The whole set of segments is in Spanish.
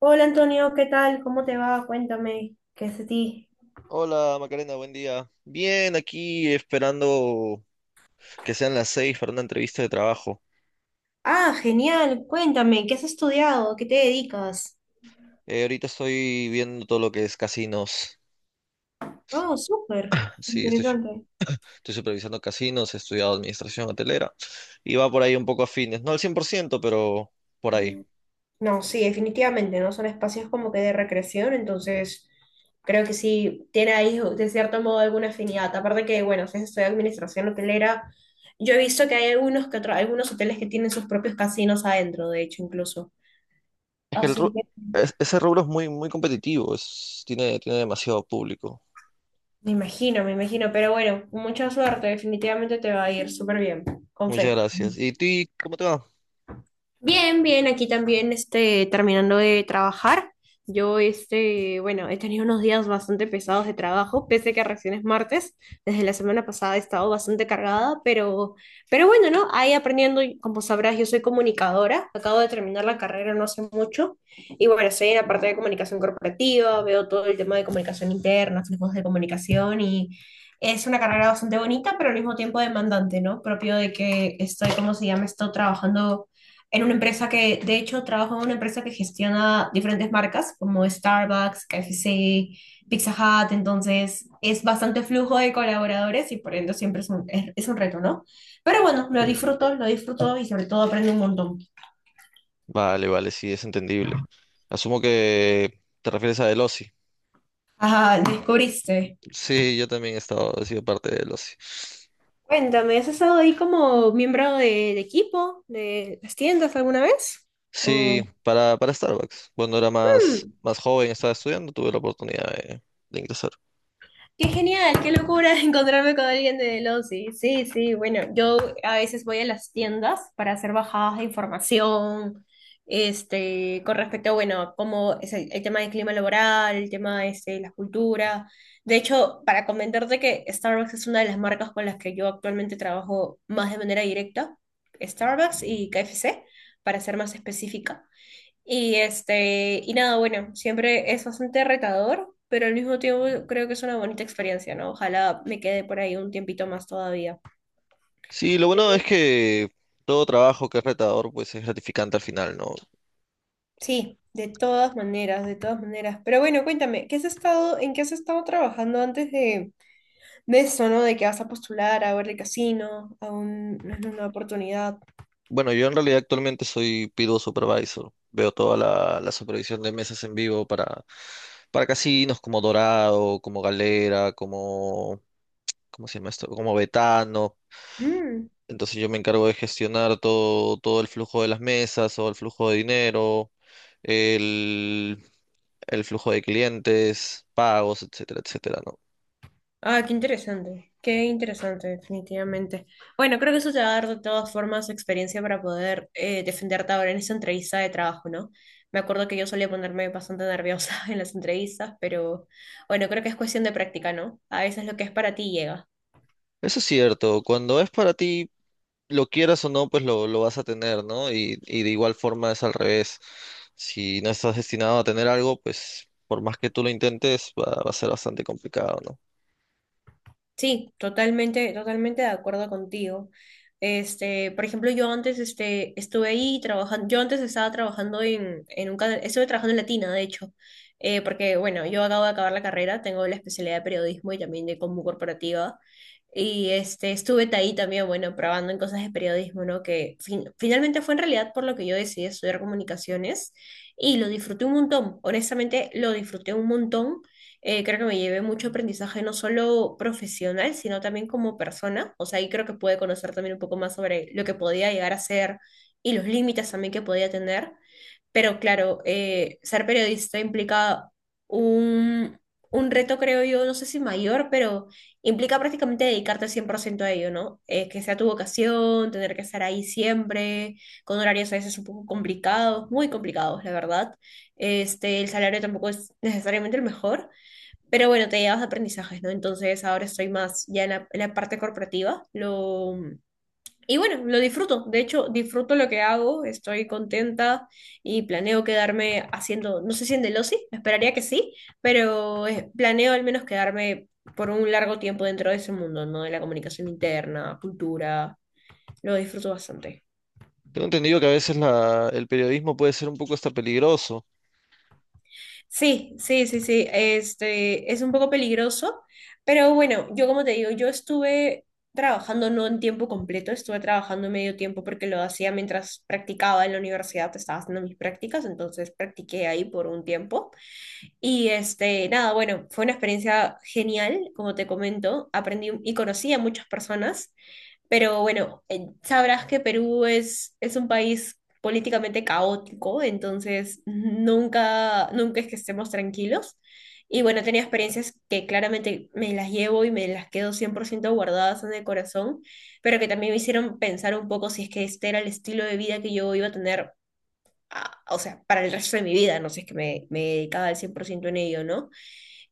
Hola Antonio, ¿qué tal? ¿Cómo te va? Cuéntame, ¿qué es de ti? Hola Macarena, buen día. Bien, aquí esperando que sean las 6 para una entrevista de trabajo. Ah, genial, cuéntame, ¿qué has estudiado? ¿A ¿Qué te dedicas? Ahorita estoy viendo todo lo que es casinos. Oh, súper, Sí, interesante. estoy supervisando casinos, he estudiado administración hotelera y va por ahí un poco afines. No al 100%, pero por ahí. No, sí, definitivamente, ¿no? Son espacios como que de recreación, entonces creo que sí tiene ahí de cierto modo alguna afinidad. Aparte que, bueno, si has estudiado administración hotelera, yo he visto que hay algunos, algunos hoteles que tienen sus propios casinos adentro, de hecho, incluso. Es que el Así ru- que... es- Ese rubro es muy, muy competitivo, tiene, tiene demasiado público. Me imagino, pero bueno, mucha suerte, definitivamente te va a ir súper bien, con Muchas fe. gracias. ¿Y ti, cómo te va? Bien, bien, aquí también este, terminando de trabajar. Yo, este, bueno, he tenido unos días bastante pesados de trabajo, pese que recién es martes. Desde la semana pasada he estado bastante cargada, pero bueno, ¿no? Ahí aprendiendo, y como sabrás, yo soy comunicadora, acabo de terminar la carrera no hace mucho, y bueno, estoy en la parte de comunicación corporativa, veo todo el tema de comunicación interna, flujos de comunicación, y es una carrera bastante bonita, pero al mismo tiempo demandante, ¿no? Propio de que estoy, ¿cómo se llama? Estoy trabajando en una empresa que, de hecho, trabajo en una empresa que gestiona diferentes marcas como Starbucks, KFC, Pizza Hut, entonces es bastante flujo de colaboradores y por ende siempre es un reto, ¿no? Pero bueno, lo disfruto y sobre todo aprendo un montón. Vale, vale, sí, es entendible. Asumo que te refieres a Delossi. Ajá, descubriste. Sí, yo también he estado, he sido parte de los... Cuéntame, ¿has estado ahí como miembro de equipo de las tiendas alguna vez? Sí, O... para Starbucks. Cuando era más, más joven, estaba estudiando, tuve la oportunidad de ingresar. Qué genial, qué locura encontrarme con alguien de losi. Sí, sí, bueno, yo a veces voy a las tiendas para hacer bajadas de información, este, con respecto bueno, cómo es el tema del clima laboral, el tema este, de la cultura. De hecho, para comentarte que Starbucks es una de las marcas con las que yo actualmente trabajo más de manera directa, Starbucks y KFC, para ser más específica. Y este, y nada, bueno, siempre es bastante retador, pero al mismo tiempo creo que es una bonita experiencia, ¿no? Ojalá me quede por ahí un tiempito más todavía. Sí, lo bueno es que todo trabajo que es retador, pues es gratificante al final, ¿no? Sí, de todas maneras, de todas maneras. Pero bueno, cuéntame, ¿qué has estado, en qué has estado trabajando antes de eso, ¿no? De que vas a postular a ver el casino, una oportunidad. Bueno, yo en realidad actualmente soy PIDO Supervisor. Veo toda la supervisión de mesas en vivo para casinos como Dorado, como Galera, como... ¿Cómo se llama esto? Como Betano. Entonces yo me encargo de gestionar todo, todo el flujo de las mesas, o el flujo de dinero, el, el flujo de clientes, pagos, etcétera, etcétera, ¿no? Ah, qué interesante, definitivamente. Bueno, creo que eso te va a dar de todas formas experiencia para poder defenderte ahora en esa entrevista de trabajo, ¿no? Me acuerdo que yo solía ponerme bastante nerviosa en las entrevistas, pero bueno, creo que es cuestión de práctica, ¿no? A veces lo que es para ti llega. Eso es cierto, cuando es para ti, lo quieras o no, pues lo vas a tener, ¿no? Y de igual forma es al revés. Si no estás destinado a tener algo, pues por más que tú lo intentes, va a ser bastante complicado, ¿no? Sí, totalmente, totalmente de acuerdo contigo. Este, por ejemplo, yo antes este, estuve ahí trabajando, yo antes estaba trabajando en un canal, estuve trabajando en Latina, de hecho, porque bueno, yo acabo de acabar la carrera, tengo la especialidad de periodismo y también de combo corporativa, y este, estuve ahí también, bueno, probando en cosas de periodismo, ¿no? Que finalmente fue en realidad por lo que yo decidí estudiar comunicaciones y lo disfruté un montón, honestamente lo disfruté un montón. Creo que me llevé mucho aprendizaje, no solo profesional, sino también como persona. O sea, ahí creo que pude conocer también un poco más sobre lo que podía llegar a ser y los límites también que podía tener. Pero claro, ser periodista implica un, un reto, creo yo, no sé si mayor, pero implica prácticamente dedicarte 100% a ello, ¿no? Que sea tu vocación, tener que estar ahí siempre, con horarios a veces un poco complicados, muy complicados, la verdad. Este, el salario tampoco es necesariamente el mejor, pero bueno, te llevas aprendizajes, ¿no? Entonces ahora estoy más ya en en la parte corporativa. Y bueno, lo disfruto. De hecho, disfruto lo que hago, estoy contenta y planeo quedarme haciendo, no sé si en Delosi, esperaría que sí, pero planeo al menos quedarme por un largo tiempo dentro de ese mundo, ¿no? De la comunicación interna, cultura, lo disfruto bastante. Tengo entendido que a veces el periodismo puede ser un poco hasta peligroso. Sí, sí, sí, sí, este es un poco peligroso, pero bueno, yo como te digo, yo estuve trabajando no en tiempo completo, estuve trabajando medio tiempo porque lo hacía mientras practicaba en la universidad, pues, estaba haciendo mis prácticas, entonces practiqué ahí por un tiempo. Y este, nada, bueno, fue una experiencia genial, como te comento, aprendí y conocí a muchas personas pero bueno, sabrás que Perú es un país políticamente caótico, entonces nunca, nunca es que estemos tranquilos. Y bueno, tenía experiencias que claramente me las llevo y me las quedo 100% guardadas en el corazón, pero que también me hicieron pensar un poco si es que este era el estilo de vida que yo iba a tener, ah, o sea, para el resto de mi vida, no sé, es que me dedicaba al 100% en ello, ¿no?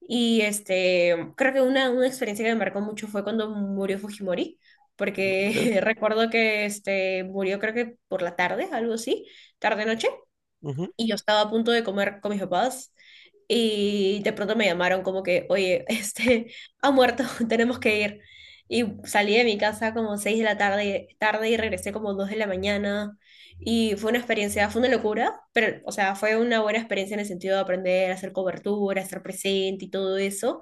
Y este, creo que una experiencia que me marcó mucho fue cuando murió Fujimori, ¿Vale? porque recuerdo que este, murió creo que por la tarde, algo así, tarde-noche y yo estaba a punto de comer con mis papás y de pronto me llamaron como que, oye, este, ha muerto, tenemos que ir. Y salí de mi casa como 6 de la tarde, tarde y regresé como 2 de la mañana. Y fue una experiencia, fue una locura, pero, o sea, fue una buena experiencia en el sentido de aprender a hacer cobertura, estar presente y todo eso.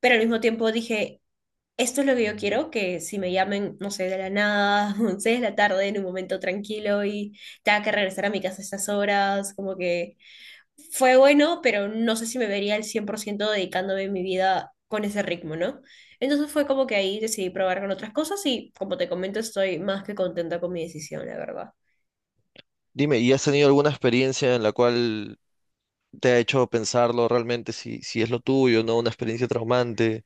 Pero al mismo tiempo dije, esto es lo que yo quiero, que si me llamen, no sé, de la nada, 11 de la tarde, en un momento tranquilo y tenga que regresar a mi casa a estas horas, como que fue bueno, pero no sé si me vería al 100% dedicándome mi vida con ese ritmo, ¿no? Entonces fue como que ahí decidí probar con otras cosas y como te comento, estoy más que contenta con mi decisión, la verdad. Dime, ¿y has tenido alguna experiencia en la cual te ha hecho pensarlo realmente si, si es lo tuyo, ¿no? Una experiencia traumante.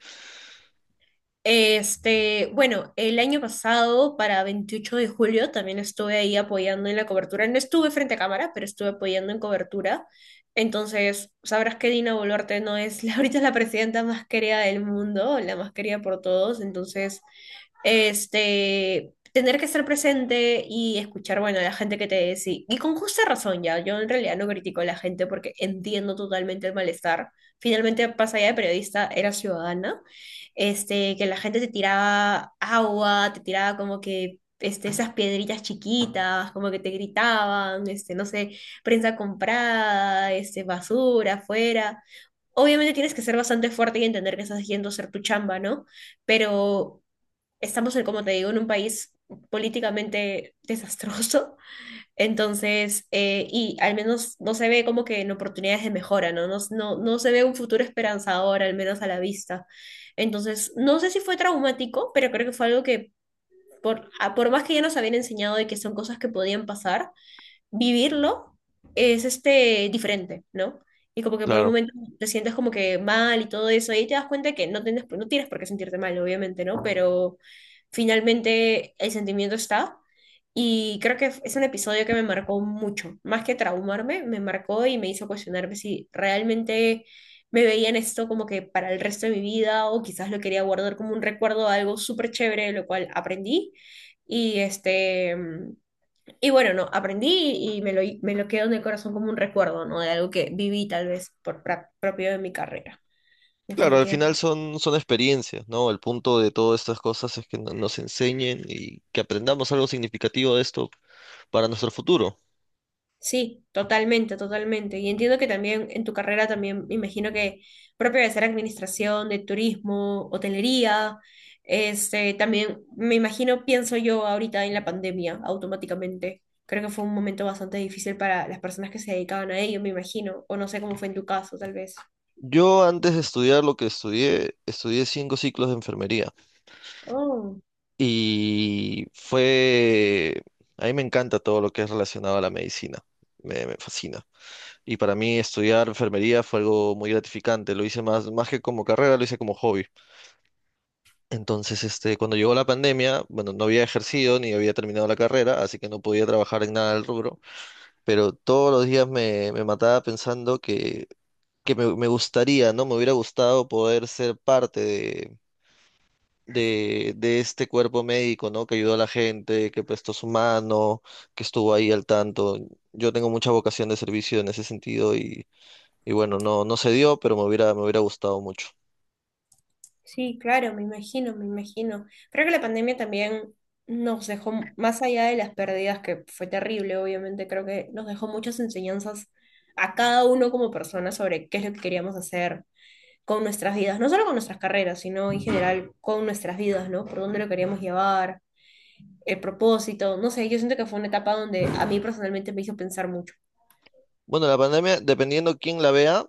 Este, bueno, el año pasado, para 28 de julio, también estuve ahí apoyando en la cobertura. No estuve frente a cámara, pero estuve apoyando en cobertura. Entonces, sabrás que Dina Boluarte no es la, ahorita es la presidenta más querida del mundo, la más querida por todos. Entonces, este, tener que estar presente y escuchar, bueno, a la gente que te decía, y con justa razón ya, yo en realidad no critico a la gente porque entiendo totalmente el malestar. Finalmente, pasa allá de periodista, era ciudadana este, que la gente te tiraba agua, te tiraba como que este, esas piedritas chiquitas, como que te gritaban, este, no sé, prensa comprada, este, basura afuera. Obviamente tienes que ser bastante fuerte y entender que estás yendo a hacer tu chamba, ¿no? Pero estamos, en, como te digo, en un país políticamente desastroso entonces, y al menos no se ve como que en oportunidades de mejora, ¿no? No, no, no se ve un futuro esperanzador, al menos a la vista. Entonces, no sé si fue traumático, pero creo que fue algo que, por, por más que ya nos habían enseñado de que son cosas que podían pasar, vivirlo es este, diferente, ¿no? Y como que por un Claro. momento te sientes como que mal y todo eso, y ahí te das cuenta que no tienes, no tienes por qué sentirte mal, obviamente, ¿no? Pero finalmente el sentimiento está. Y creo que es un episodio que me marcó mucho, más que traumarme, me marcó y me hizo cuestionarme si realmente me veía en esto como que para el resto de mi vida o quizás lo quería guardar como un recuerdo, algo súper chévere, lo cual aprendí. Y este, y bueno, no, aprendí y me me lo quedo en el corazón como un recuerdo, ¿no? De algo que viví tal vez por propio de mi carrera. Claro, al Definitivamente. final son, son experiencias, ¿no? El punto de todas estas cosas es que nos enseñen y que aprendamos algo significativo de esto para nuestro futuro. Sí, totalmente, totalmente. Y entiendo que también en tu carrera también me imagino que propio de ser administración, de turismo, hotelería, este, también me imagino, pienso yo ahorita en la pandemia automáticamente. Creo que fue un momento bastante difícil para las personas que se dedicaban a ello, me imagino. O no sé cómo fue en tu caso, tal vez. Yo antes de estudiar lo que estudié, estudié 5 ciclos de enfermería Oh. y fue... A mí me encanta todo lo que es relacionado a la medicina, me fascina. Y para mí estudiar enfermería fue algo muy gratificante. Lo hice más, más que como carrera, lo hice como hobby. Entonces, este, cuando llegó la pandemia, bueno, no había ejercido ni había terminado la carrera, así que no podía trabajar en nada del rubro, pero todos los días me mataba pensando que, me gustaría, ¿no? Me hubiera gustado poder ser parte de... de este cuerpo médico, ¿no? Que ayudó a la gente, que prestó su mano, que estuvo ahí al tanto. Yo tengo mucha vocación de servicio en ese sentido y bueno, no, no se dio, pero me hubiera gustado mucho. Sí, claro, me imagino, me imagino. Creo que la pandemia también nos dejó, más allá de las pérdidas, que fue terrible, obviamente, creo que nos dejó muchas enseñanzas a cada uno como persona sobre qué es lo que queríamos hacer con nuestras vidas, no solo con nuestras carreras, sino en general con nuestras vidas, ¿no? Por dónde lo queríamos llevar, el propósito, no sé, yo siento que fue una etapa donde a mí personalmente me hizo pensar mucho. Bueno, la pandemia, dependiendo quién la vea,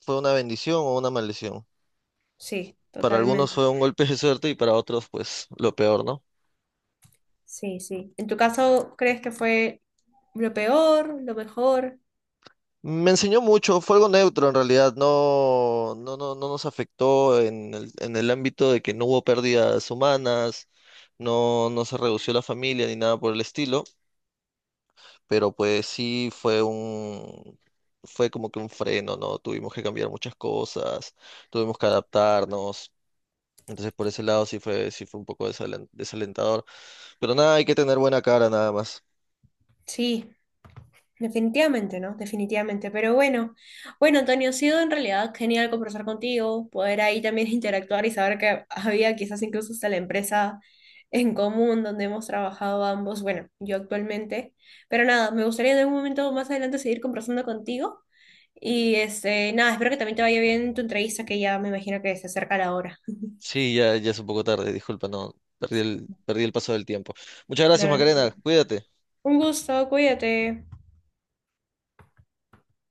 fue una bendición o una maldición. Sí, Para algunos totalmente. fue un golpe de suerte y para otros, pues, lo peor, ¿no? Sí, sí. ¿En tu caso crees que fue lo peor, lo mejor? Me enseñó mucho, fue algo neutro en realidad, no, no, no nos afectó en en el ámbito de que no hubo pérdidas humanas, no, no se redució la familia ni nada por el estilo, pero pues sí fue un, fue como que un freno, ¿no? Tuvimos que cambiar muchas cosas, tuvimos que adaptarnos. Entonces por ese lado sí fue un poco desalentador. Pero nada, hay que tener buena cara nada más. Sí. Definitivamente, ¿no? Definitivamente. Pero bueno, bueno, Antonio, ha sido en realidad genial conversar contigo, poder ahí también interactuar y saber que había quizás incluso hasta la empresa en común donde hemos trabajado ambos, bueno, yo actualmente. Pero nada, me gustaría en algún momento más adelante seguir conversando contigo. Y este, nada, espero que también te vaya bien en tu entrevista, que ya me imagino que se acerca la hora. Sí, ya, ya es un poco tarde, disculpa, no, perdí el paso del tiempo. Muchas gracias, Nada, Macarena, cuídate. un gusto, cuídate.